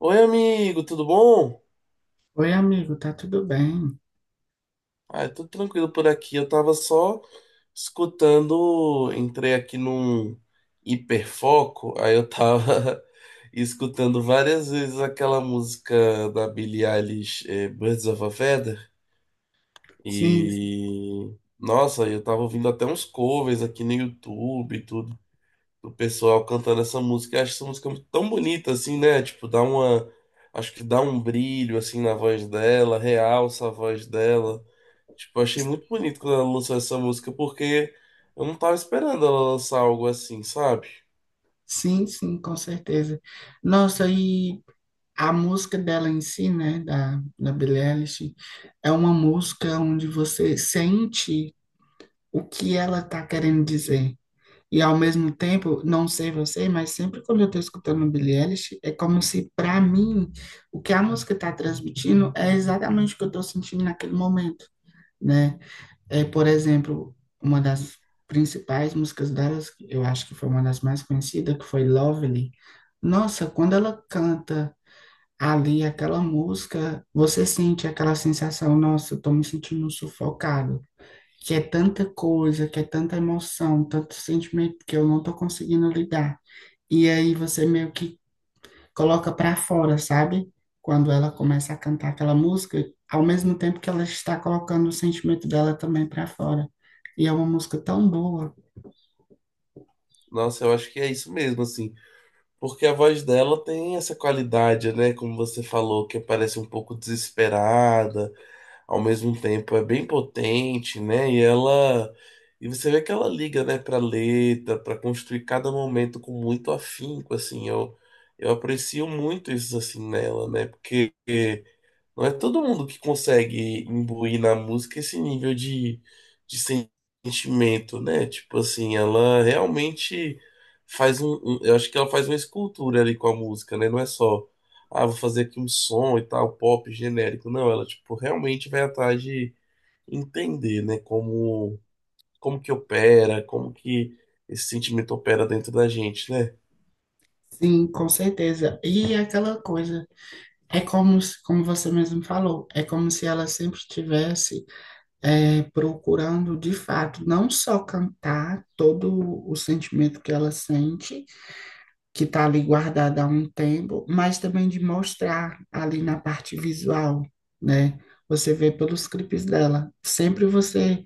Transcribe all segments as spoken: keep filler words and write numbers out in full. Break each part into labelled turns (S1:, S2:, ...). S1: Oi, amigo, tudo bom?
S2: Oi, amigo, tá tudo bem?
S1: Ah, tudo tranquilo por aqui. Eu tava só escutando, entrei aqui num hiperfoco, aí eu tava escutando várias vezes aquela música da Billie Eilish, eh, Birds of a Feather,
S2: Sim,
S1: e nossa, eu tava ouvindo até uns covers aqui no YouTube e tudo. O pessoal cantando essa música. Eu acho essa música tão bonita assim, né? Tipo, dá uma. Acho que dá um brilho assim na voz dela, realça a voz dela. Tipo, eu achei muito bonito quando ela lançou essa música, porque eu não tava esperando ela lançar algo assim, sabe?
S2: sim, sim, com certeza. Nossa, e a música dela em si, né, da, da Billie Eilish, é uma música onde você sente o que ela tá querendo dizer. E ao mesmo tempo, não sei você, mas sempre quando eu tô escutando a Billie Eilish, é como se, para mim, o que a música tá transmitindo é exatamente o que eu tô sentindo naquele momento. Né? É, por exemplo, uma das principais músicas delas, eu acho que foi uma das mais conhecidas, que foi Lovely. Nossa, quando ela canta ali aquela música, você sente aquela sensação, nossa, eu tô me sentindo sufocado, que é tanta coisa, que é tanta emoção, tanto sentimento que eu não tô conseguindo lidar. E aí você meio que coloca para fora, sabe? Quando ela começa a cantar aquela música, ao mesmo tempo que ela está colocando o sentimento dela também para fora. E é uma música tão boa.
S1: Nossa, eu acho que é isso mesmo, assim. Porque a voz dela tem essa qualidade, né? Como você falou, que parece um pouco desesperada. Ao mesmo tempo é bem potente, né? E ela e você vê que ela liga, né, para letra, para construir cada momento com muito afinco, assim. Eu eu aprecio muito isso assim nela, né? Porque não é todo mundo que consegue imbuir na música esse nível de, de sentimento, né? Tipo assim, ela realmente faz um, um- eu acho que ela faz uma escultura ali com a música, né? Não é só, ah, vou fazer aqui um som e tal, pop genérico. Não, ela, tipo, realmente vai atrás de entender, né? Como, como que opera, como que esse sentimento opera dentro da gente, né?
S2: Sim, com certeza. E é aquela coisa, é como, se- como você mesmo falou, é como se ela sempre estivesse é, procurando, de fato, não só cantar todo o sentimento que ela sente, que está ali guardada há um tempo, mas também de mostrar ali na parte visual, né? Você vê pelos clipes dela. Sempre você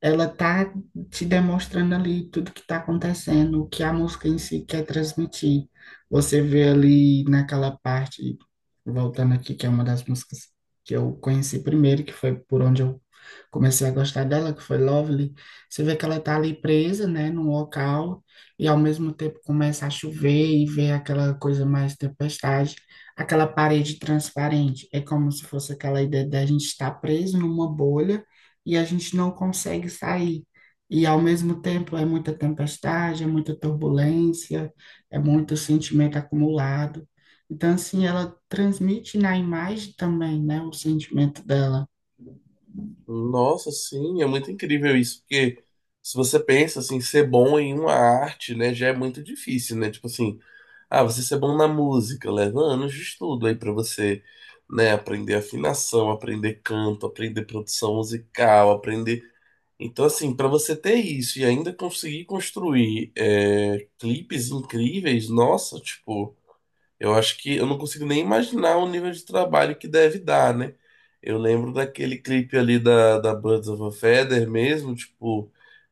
S2: ela tá te demonstrando ali tudo que está acontecendo, o que a música em si quer transmitir. Você vê ali naquela parte, voltando aqui, que é uma das músicas que eu conheci primeiro, que foi por onde eu comecei a gostar dela, que foi Lovely. Você vê que ela tá ali presa, né, num local, e ao mesmo tempo começa a chover e vê aquela coisa mais tempestade, aquela parede transparente. É como se fosse aquela ideia da gente estar preso numa bolha e a gente não consegue sair. E ao mesmo tempo é muita tempestade, é muita turbulência, é muito sentimento acumulado. Então, assim, ela transmite na imagem também, né, o sentimento dela.
S1: Nossa, sim, é muito incrível isso, porque se você pensa assim, ser bom em uma arte, né, já é muito difícil, né? Tipo assim, ah, você ser bom na música, leva anos de estudo aí pra você, né, aprender afinação, aprender canto, aprender produção musical, aprender. Então, assim, pra você ter isso e ainda conseguir construir é, clipes incríveis, nossa, tipo. Eu acho que eu não consigo nem imaginar o nível de trabalho que deve dar, né? Eu lembro daquele clipe ali da, da Birds of a Feather mesmo, tipo,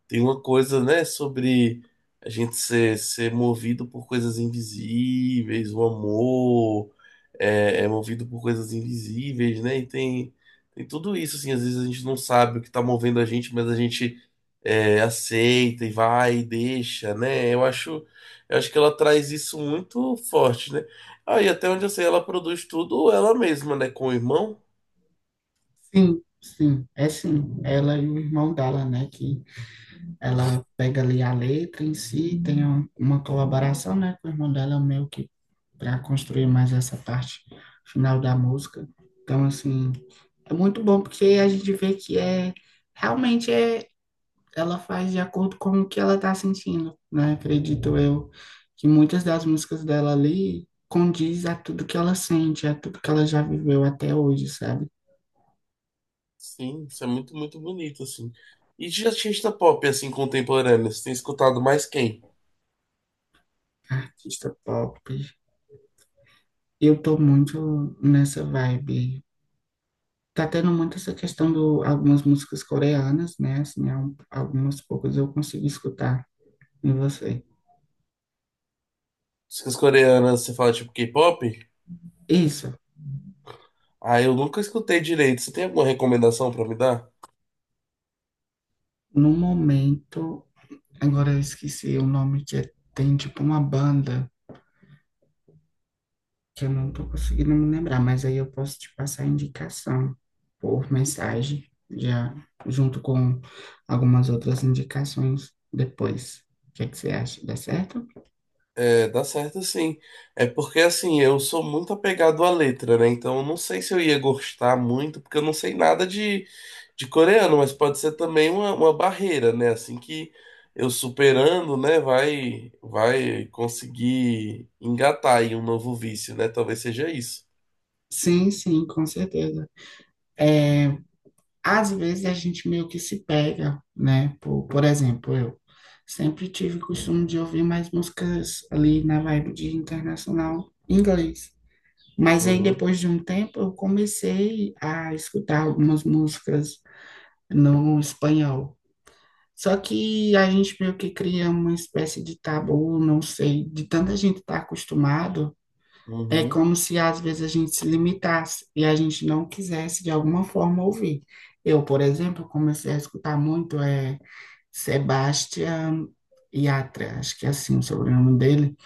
S1: tem uma coisa, né, sobre a gente ser, ser movido por coisas invisíveis, o amor é, é movido por coisas invisíveis, né? E tem, tem tudo isso, assim, às vezes a gente não sabe o que tá movendo a gente, mas a gente é, aceita e vai e deixa, né? Eu acho, eu acho que ela traz isso muito forte, né? Aí, até onde eu sei, ela produz tudo ela mesma, né? Com o irmão.
S2: Sim, sim, é sim. Ela e o irmão dela, né, que ela pega ali a letra em si, tem um- uma colaboração, né, com o irmão dela, meio que para construir mais essa parte final da música. Então, assim, é muito bom porque a gente vê que é realmente é ela faz de acordo com o que ela tá sentindo, né? Acredito eu que muitas das músicas dela ali condiz a tudo que ela sente, a tudo que ela já viveu até hoje, sabe?
S1: Sim, isso é muito, muito bonito, assim. E de artista pop, assim, contemporâneo, você tem escutado mais quem?
S2: Artista pop. Eu tô muito nessa vibe. Tá tendo muito essa questão do algumas músicas coreanas, né? Assim, al- algumas poucas eu consigo escutar em você.
S1: As coreanas, você fala tipo K-pop?
S2: Isso,
S1: Ah, eu nunca escutei direito. Você tem alguma recomendação pra me dar?
S2: no momento agora eu esqueci o nome que é- tem tipo uma banda que eu não tô conseguindo me lembrar, mas aí eu posso te passar a indicação por mensagem, já junto com algumas outras indicações depois. O que é que você acha? Dá certo?
S1: É, dá certo sim. É porque assim, eu sou muito apegado à letra, né? Então eu não sei se eu ia gostar muito, porque eu não sei nada de, de coreano, mas pode ser também uma, uma barreira, né? Assim que eu superando, né, vai, vai conseguir engatar aí um novo vício, né? Talvez seja isso.
S2: Sim, sim, com certeza. Às vezes a gente meio que se pega, né? Por, por exemplo, eu sempre tive o costume de ouvir mais músicas ali na vibe de internacional inglês. Mas aí,
S1: Uhum,
S2: depois de um tempo, eu comecei a escutar algumas músicas no espanhol. Só que a gente meio que cria uma espécie de tabu, não sei, de tanta gente estar acostumado, é
S1: uhum.
S2: como se às vezes a gente se limitasse e a gente não quisesse de alguma forma ouvir. Eu, por exemplo, comecei a escutar muito é Sebastián Yatra, acho que é assim o sobrenome dele,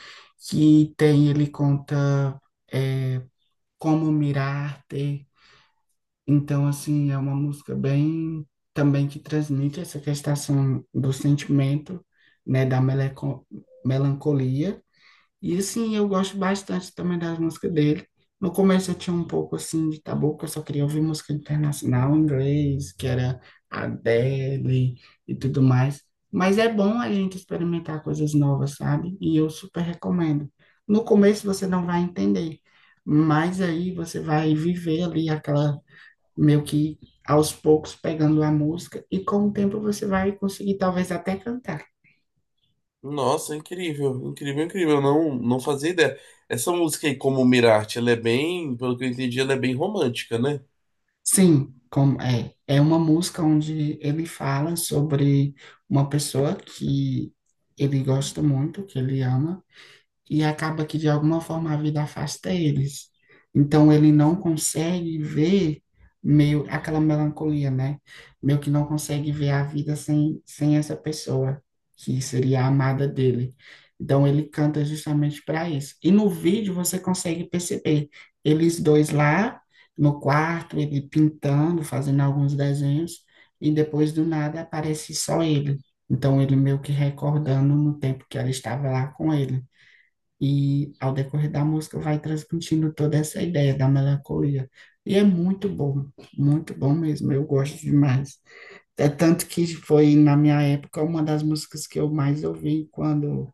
S2: que tem, ele conta é, Como Mirarte, então, assim, é uma música bem também que transmite essa questão do sentimento, né, da meleco- melancolia. E assim, eu gosto bastante também das músicas dele. No começo eu tinha um pouco assim de tabu, que eu só queria ouvir música internacional em inglês, que era Adele e tudo mais. Mas é bom a gente experimentar coisas novas, sabe? E eu super recomendo. No começo você não vai entender, mas aí você vai viver ali aquela meio que aos poucos pegando a música e com o tempo você vai conseguir talvez até cantar.
S1: Nossa, incrível, incrível, incrível. Eu não, não fazia ideia. Essa música aí, como Mirarte, ela é bem, pelo que eu entendi, ela é bem romântica, né?
S2: Sim, como é, é uma música onde ele fala sobre uma pessoa que ele gosta muito, que ele ama, e acaba que de alguma forma a vida afasta eles. Então ele não consegue ver meio aquela melancolia, né? Meio que não consegue ver a vida sem, sem essa pessoa que seria a amada dele. Então ele canta justamente para isso. E no vídeo você consegue perceber eles dois lá no quarto, ele pintando, fazendo alguns desenhos, e depois do nada aparece só ele. Então ele meio que recordando no tempo que ela estava lá com ele. E ao decorrer da música vai transmitindo toda essa ideia da melancolia. E é muito bom, muito bom mesmo, eu gosto demais. É tanto que foi, na minha época, uma das músicas que eu mais ouvi quando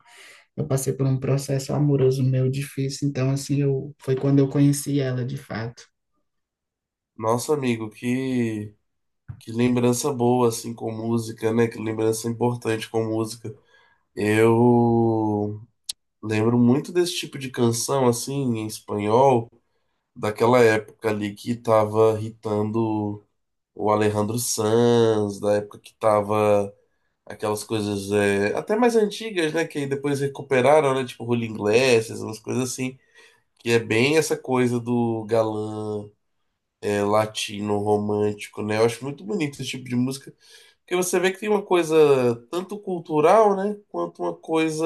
S2: eu passei por um processo amoroso meu difícil. Então, assim, eu, foi quando eu conheci ela de fato.
S1: Nossa, amigo, que. Que lembrança boa, assim, com música, né? Que lembrança importante com música. Eu lembro muito desse tipo de canção, assim, em espanhol, daquela época ali que tava hitando o Alejandro Sanz, da época que tava aquelas coisas é, até mais antigas, né? Que aí depois recuperaram, né? Tipo Rolling Glasses, umas coisas assim. Que é bem essa coisa do galã é, latino, romântico, né? Eu acho muito bonito esse tipo de música. Porque você vê que tem uma coisa tanto cultural, né, quanto uma coisa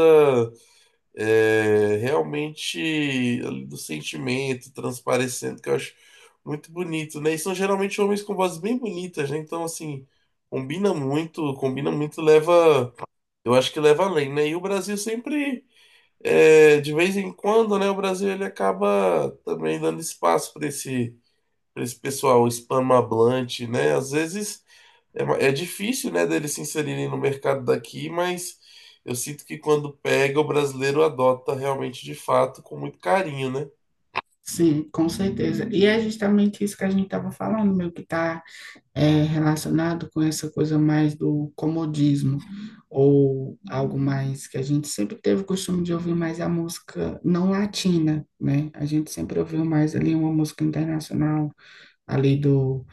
S1: é, realmente ali do sentimento transparecendo, que eu acho muito bonito, né? E são geralmente homens com vozes bem bonitas, né? Então, assim, combina muito, combina muito, leva, eu acho que leva além, né? E o Brasil sempre, é, de vez em quando, né, o Brasil ele acaba também dando espaço para esse, para esse pessoal hispanohablante, né? Às vezes é, ma- é difícil, né, deles se inserirem no mercado daqui, mas eu sinto que quando pega, o brasileiro adota realmente de fato com muito carinho, né?
S2: Sim, com certeza. E é justamente isso que a gente estava falando, meu, que está é relacionado com essa coisa mais do comodismo, ou algo mais que a gente sempre teve o costume de ouvir mais a música não latina, né? A gente sempre ouviu mais ali uma música internacional, ali do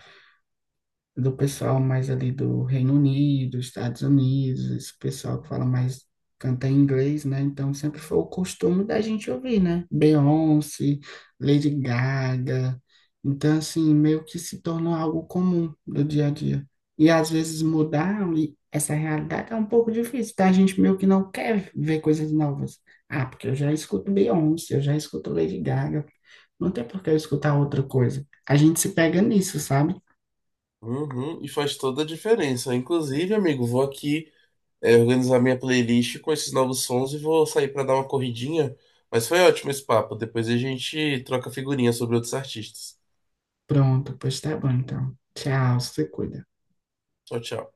S2: do pessoal mais ali do Reino Unido, Estados Unidos, esse pessoal que fala mais, canta em inglês, né? Então sempre foi o costume da gente ouvir, né? Beyoncé, Lady Gaga. Então, assim, meio que se tornou algo comum do dia a dia. E às vezes mudar e essa realidade é um pouco difícil, tá? A gente meio que não quer ver coisas novas. Ah, porque eu já escuto Beyoncé, eu já escuto Lady Gaga. Não tem por que eu escutar outra coisa. A gente se pega nisso, sabe?
S1: Uhum, e faz toda a diferença. Inclusive, amigo, vou aqui, é, organizar minha playlist com esses novos sons e vou sair para dar uma corridinha. Mas foi ótimo esse papo. Depois a gente troca figurinha sobre outros artistas.
S2: Pronto, pois tá bom então. Tchau, se cuida.
S1: Tchau, tchau.